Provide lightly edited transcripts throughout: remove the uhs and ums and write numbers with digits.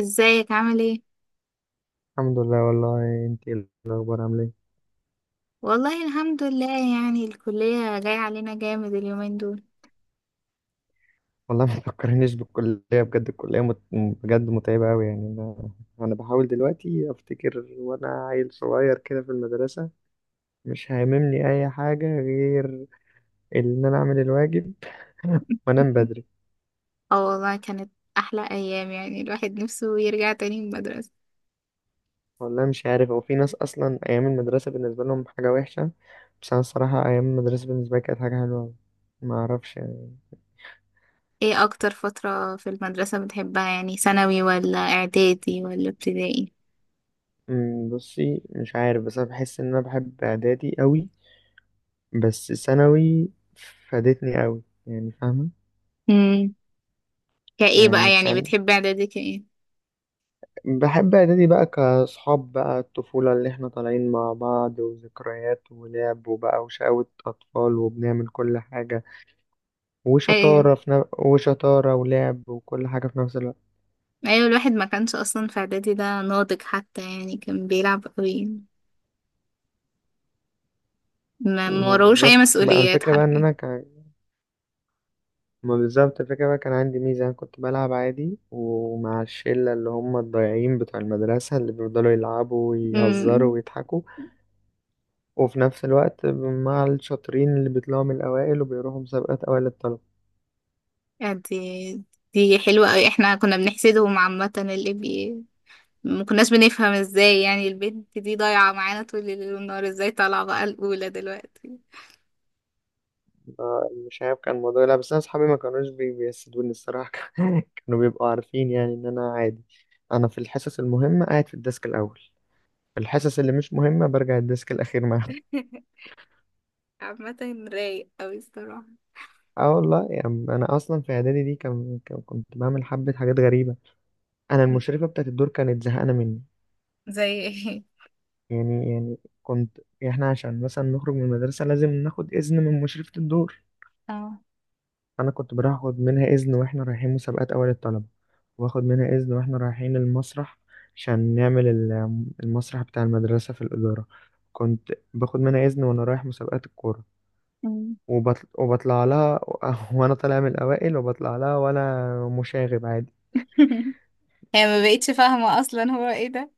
ازيك عامل ايه؟ الحمد لله. والله انت ايه الاخبار؟ عامله ايه؟ والله الحمد لله، يعني الكلية جاية علينا جامد اليومين دول. والله ما تفكرنيش بالكليه بجد. الكليه بجد متعبه قوي يعني انا بحاول دلوقتي افتكر وانا عيل صغير كده في المدرسه، مش هاممني اي حاجه غير ان انا اعمل الواجب وانام بدري. اه والله، كانت احلى ايام، يعني الواحد نفسه يرجع تاني المدرسة. والله مش عارف، هو في ناس اصلا ايام المدرسه بالنسبه لهم حاجه وحشه، بس انا الصراحه ايام المدرسه بالنسبه لي كانت حاجه حلوه أوي. ما اعرفش يعني. ايه اكتر فترة في المدرسة بتحبها؟ يعني ثانوي ولا اعدادي ولا ابتدائي؟ بصي، مش عارف بس انا بحس ان انا بحب اعدادي قوي. بس ثانوي فادتني قوي، يعني فاهمة؟ امم. كايه بقى؟ يعني يعني سن... بتحب اعدادي كايه؟ بحب إعدادي بقى، كأصحاب بقى الطفولة اللي إحنا طالعين مع بعض وذكريات ولعب وبقى وشقاوة أطفال وبنعمل كل حاجة ايوه، وشطارة وشطارة ولعب وكل حاجة في نفس الوقت. ايوه، الواحد ما كانش اصلا في اعدادي ده ناضج حتى، يعني كان بيلعب قوي. ما ما وراهوش اي بالظبط بقى مسؤوليات الفكرة بقى إن حرفيا. أنا كان ما بالظبط الفكرة بقى، كان عندي ميزة، أنا كنت بلعب عادي ومع الشلة اللي هم الضايعين بتوع المدرسة اللي بيفضلوا يلعبوا ويهزروا امم. ويضحكوا، وفي نفس الوقت مع الشاطرين اللي بيطلعوا من الأوائل وبيروحوا مسابقات أوائل الطلبة. آه، دي حلوة أوي، احنا كنا بنحسدهم عامة. اللي بي ما كناش بنفهم ازاي، يعني البنت دي ضايعة معانا طول الليل والنهار، ازاي طالعة بقى الأولى دلوقتي؟ آه، مش عارف كان الموضوع. لا بس أنا أصحابي ما كانوش بيحسدوني الصراحة. كانوا بيبقوا عارفين يعني إن أنا عادي. أنا في الحصص المهمة قاعد في الديسك الأول، في الحصص اللي مش مهمة برجع الديسك الأخير معاهم. عامة رايق أوي الصراحة. اه والله يعني أنا أصلا في إعدادي دي كنت بعمل حبة حاجات غريبة. أنا المشرفة بتاعت الدور كانت زهقانة مني. زي ايه؟ يعني، كنت يعني إحنا عشان مثلا نخرج من المدرسة لازم ناخد إذن من مشرفة الدور. اه. انا كنت باخد منها اذن واحنا رايحين مسابقات اوائل الطلبه، واخد منها اذن واحنا رايحين المسرح عشان نعمل المسرح بتاع المدرسه في الاداره، كنت باخد منها اذن وانا رايح مسابقات الكوره. أمم. وبطلع لها وانا طالع من الاوائل وبطلع لها وانا مشاغب عادي. هي ما بقتش فاهمة أصلا هو ايه ده.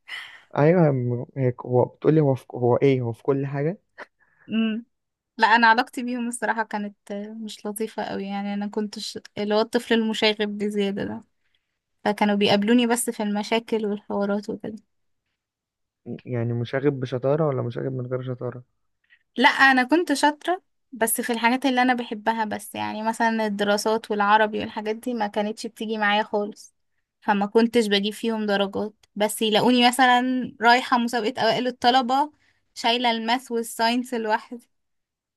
ايوه. هيك هو، بتقولي هو هو ايه، هو في كل حاجه. أمم. لا، أنا علاقتي بيهم الصراحة كانت مش لطيفة أوي، يعني أنا كنتش اللي هو الطفل المشاغب بزيادة ده، فكانوا بيقابلوني بس في المشاكل والحوارات وكده. يعني مشاغب بشطاره ولا مشاغب من غير شطاره؟ لا، انا كنت شاطرة، بس في الحاجات اللي انا بحبها بس، يعني مثلا الدراسات والعربي والحاجات دي ما كانتش بتيجي معايا خالص، فما كنتش بجيب فيهم درجات، بس يلاقوني مثلا رايحة مسابقة اوائل الطلبة شايلة الماث والساينس لوحدي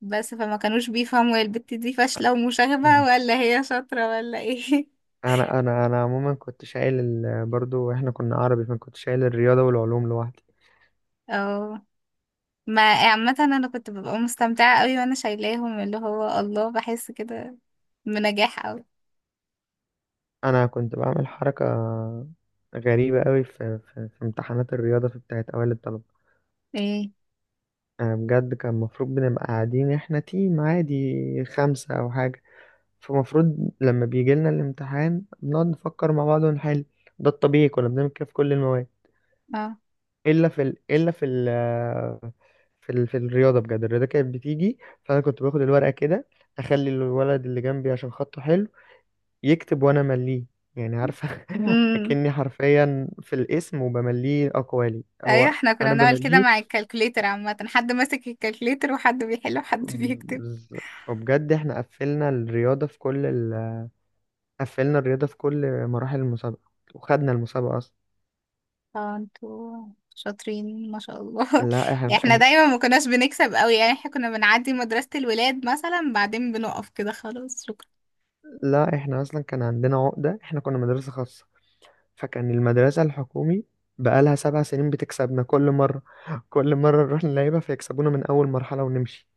بس، فما كانوش بيفهموا هي البت دي فاشلة ومشاغبة مهم. ولا هي شاطرة ولا ايه. انا عموما كنت شايل برضو احنا كنا عربي، فكنت شايل الرياضه والعلوم لوحدي. اه. ما عامة انا كنت ببقى مستمتعة قوي وانا شايلاهم، اللي هو الله بحس كده بنجاح قوي. انا كنت بعمل حركه غريبه قوي في امتحانات الرياضه في بتاعه اوائل الطلبه. ايه؟ أنا بجد كان المفروض بنبقى قاعدين احنا تيم عادي 5 او حاجه، فمفروض لما بيجي لنا الامتحان بنقعد نفكر مع بعض ونحل. ده الطبيعي، كنا بنعمل كده في كل المواد اه. الا في ال... الا في ال... في, ال... في الرياضه. بجد الرياضه كانت بتيجي، فانا كنت باخد الورقه كده، اخلي الولد اللي جنبي عشان خطه حلو يكتب وانا مليه، يعني عارفه؟ اكني حرفيا في الاسم وبمليه اقوالي ايوه، هو. احنا كنا انا بنعمل كده بمليه. مع الكالكوليتر، عامة حد ماسك الكالكوليتر وحد بيحل وحد بيكتب. بز- وبجد احنا قفلنا الرياضه قفلنا الرياضه في كل مراحل المسابقه وخدنا المسابقه اصلا. اه، انتوا شاطرين ما شاء الله. لا احنا يعني احنا إيه- دايما ما كناش بنكسب قوي، يعني احنا كنا بنعدي مدرسة الولاد مثلا بعدين بنقف كده خلاص شكرا. لا احنا اصلا كان عندنا عقده، احنا كنا مدرسه خاصه، فكان المدرسه الحكومي بقالها 7 سنين بتكسبنا كل مره، كل مره نروح نلعبها فيكسبونا من اول مرحله ونمشي.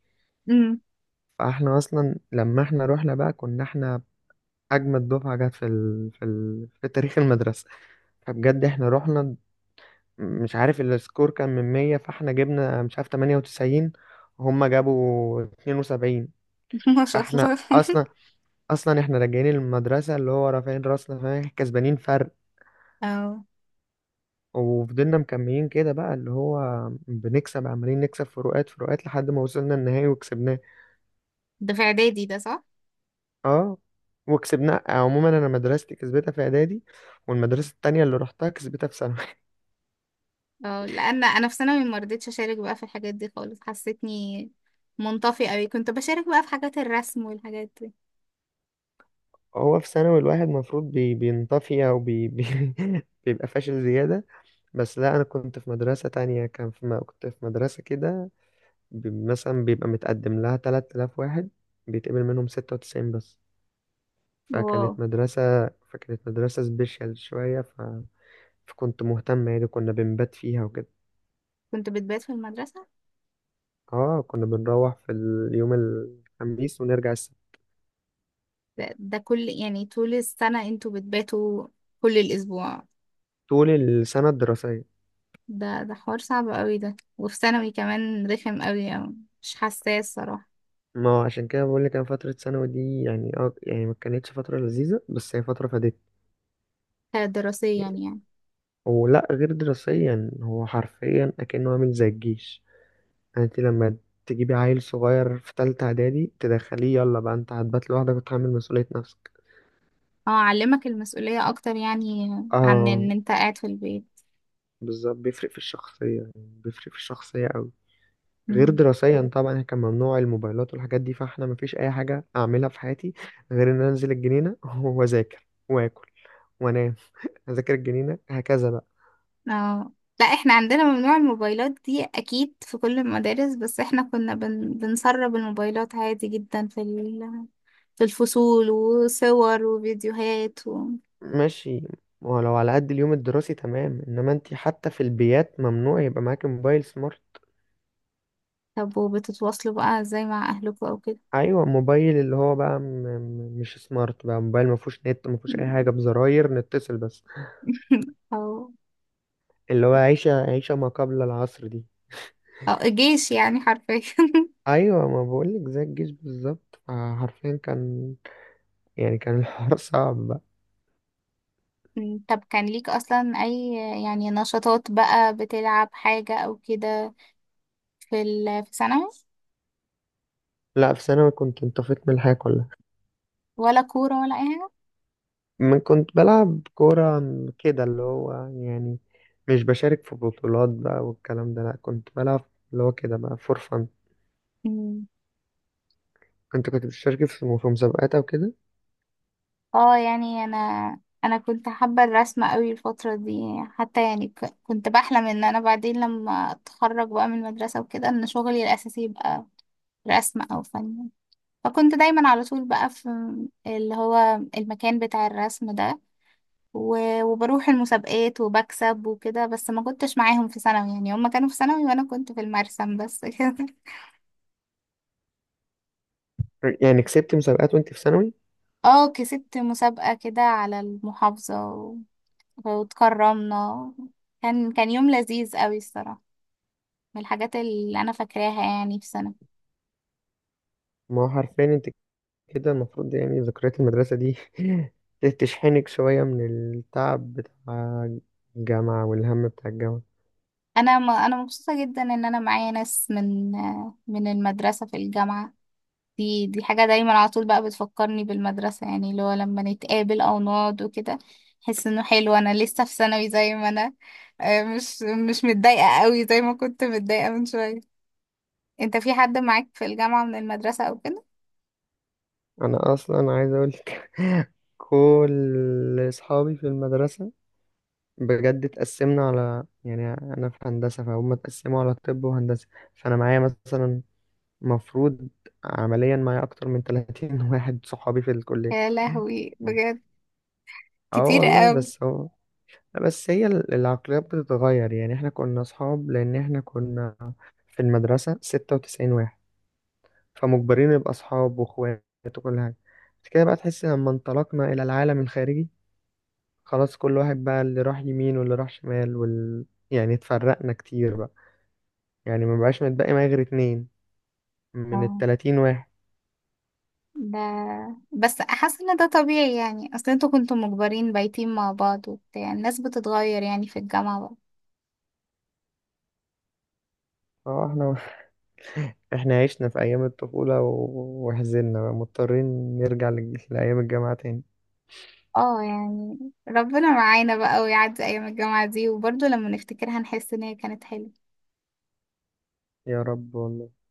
امم. فاحنا اصلا لما احنا رحنا بقى، كنا احنا اجمد دفعه جت في تاريخ المدرسه. فبجد احنا رحنا، مش عارف السكور كان من 100، فاحنا جبنا مش عارف 98، وهم جابوا 72. ما شاء فاحنا الله. اصلا اصلا احنا راجعين المدرسه اللي هو رافعين راسنا، فاهم، كسبانين فرق. اه. وفضلنا مكملين كده بقى اللي هو بنكسب، عمالين نكسب فروقات فروقات لحد ما وصلنا النهائي وكسبناه. ده في اعدادي ده، صح؟ اه وكسبناه. عموما انا مدرستي كسبتها في اعدادي، والمدرسه التانية اللي رحتها كسبتها في ثانوي. اه، لان انا في ثانوي ما رضيتش اشارك بقى في الحاجات دي خالص، حسيتني منطفي قوي. كنت بشارك بقى في حاجات الرسم والحاجات دي. هو في ثانوي الواحد المفروض بينطفي او بي بي بيبقى فاشل زيادة. بس لا، انا كنت في مدرسة تانية. كان كنت في مدرسة كده، مثلا بيبقى متقدم لها 3000 واحد، بيتقبل منهم 96 بس. واو، فكانت مدرسة فكانت مدرسة سبيشال شوية فكنت مهتم، يعني كنا بنبات فيها وكده. كنت بتبات في المدرسة؟ اه، كنا بنروح في اليوم الخميس ونرجع السبت، ده كل، يعني طول السنة انتوا بتباتوا كل الأسبوع؟ طول السنة الدراسية. ده حوار صعب قوي ده، وفي ثانوي كمان رخم قوي أوي. مش حساس صراحة. ما هو عشان كده بقول لك، انا فتره ثانوي دي يعني يعني ما كانتش فتره لذيذه، بس هي فتره فادتني. دراسيا؟ يعني. ولا غير دراسيا، هو حرفيا اكنه عامل زي الجيش. يعني انت لما تجيبي عيل صغير في تالتة اعدادي تدخليه، يلا بقى انت هتبات لوحدك وتحمل مسؤوليه نفسك. اه، علمك المسؤولية أكتر، يعني عن اه، إن أنت قاعد في البيت. بالظبط بيفرق في الشخصيه، بيفرق في الشخصيه قوي. غير مم. دراسيا طبعا، يعني كان ممنوع الموبايلات والحاجات دي، فاحنا مفيش اي حاجه اعملها في حياتي غير ان أنا انزل الجنينه واذاكر واكل وانام. اذاكر الجنينه هكذا بقى. اه. لا، احنا عندنا ممنوع الموبايلات دي أكيد في كل المدارس، بس احنا كنا بنسرب الموبايلات عادي جدا في في الفصول، وصور وفيديوهات و... ماشي. ولو على قد اليوم الدراسي تمام، انما انت حتى في البيات ممنوع يبقى معاكي موبايل سمارت. طب وبتتواصلوا بقى ازاي مع أهلكم أو كده؟ ايوه، موبايل اللي هو بقى مش سمارت بقى، موبايل ما فيهوش نت، ما فيهوش اي حاجه، بزراير نتصل بس. او اللي هو عيشه، عيشه ما قبل العصر دي. او الجيش يعني حرفيا. ايوه، ما بقولك زي الجيش بالظبط، آه، حرفيا كان، يعني كان الحوار صعب بقى. مم. طب كان ليك اصلا اي، يعني نشاطات بقى، بتلعب حاجة او كده في ال في ثانوي؟ لا، في ثانوي كنت انطفيت من الحياة كلها. ولا كورة ولا اي حاجة؟ من كنت بلعب كورة كده، اللي هو يعني مش بشارك في بطولات بقى والكلام ده، لا كنت بلعب اللي هو كده بقى فور فن. مم. انت كنت بتشارك في مسابقات او كده؟ اه، يعني انا، انا كنت حابة الرسم قوي الفترة دي، حتى يعني كنت بحلم ان انا بعدين لما اتخرج بقى من المدرسة وكده ان شغلي الاساسي يبقى رسم او فن. فكنت دايما على طول بقى في اللي هو المكان بتاع الرسم ده، وبروح المسابقات وبكسب وكده، بس ما كنتش معاهم في ثانوي، يعني هم كانوا في ثانوي وانا كنت في المرسم بس. كده. يعني كسبت مسابقات وانت في ثانوي؟ اه، كسبت مسابقة كده على المحافظة واتكرمنا. كان يوم لذيذ قوي الصراحة، من الحاجات اللي انا فاكراها يعني في ثانوي. ما هو حرفيا انت كده المفروض، يعني ذكريات المدرسة دي تشحنك شوية من التعب بتاع الجامعة والهم بتاع الجامعة. انا مبسوطة جدا ان انا معايا ناس من المدرسة في الجامعة. دي حاجة دايما على طول بقى بتفكرني بالمدرسة، يعني اللي هو لما نتقابل أو نقعد وكده. أحس إنه حلو، أنا لسه في ثانوي زي ما أنا، آه، مش مش متضايقة قوي زي ما كنت متضايقة من شوية. أنت في حد معاك في الجامعة من المدرسة أو كده؟ انا اصلا عايز اقول لك كل اصحابي في المدرسه، بجد اتقسمنا على، يعني انا في هندسه، فهم اتقسموا على طب وهندسه. فانا معايا مثلا، مفروض عمليا معايا اكتر من 30 واحد صحابي في الكليه. يا لهوي، بجد اه كتير والله. قوي. بس هي العقليات بتتغير، يعني احنا كنا اصحاب لان احنا كنا في المدرسه 96 واحد، فمجبرين نبقى أصحاب وإخوات وكل حاجة. بس كده بقى تحس لما انطلقنا إلى العالم الخارجي، خلاص كل واحد بقى اللي راح يمين واللي راح شمال يعني اتفرقنا كتير بقى، يعني ما بقاش متبقي معايا غير 2 من اه. الـ30 واحد. ده بس حاسة إن ده طبيعي، يعني أصل أنتوا كنتوا مجبرين بايتين مع بعض، وبتاع الناس بتتغير يعني في الجامعة. اه. احنا احنا عشنا في أيام الطفولة وحزننا بقى مضطرين نرجع لأيام الجامعة تاني. اه، يعني ربنا معانا بقى ويعدي ايام الجامعة دي، وبرضه لما نفتكرها نحس ان هي كانت حلوة. يا رب والله.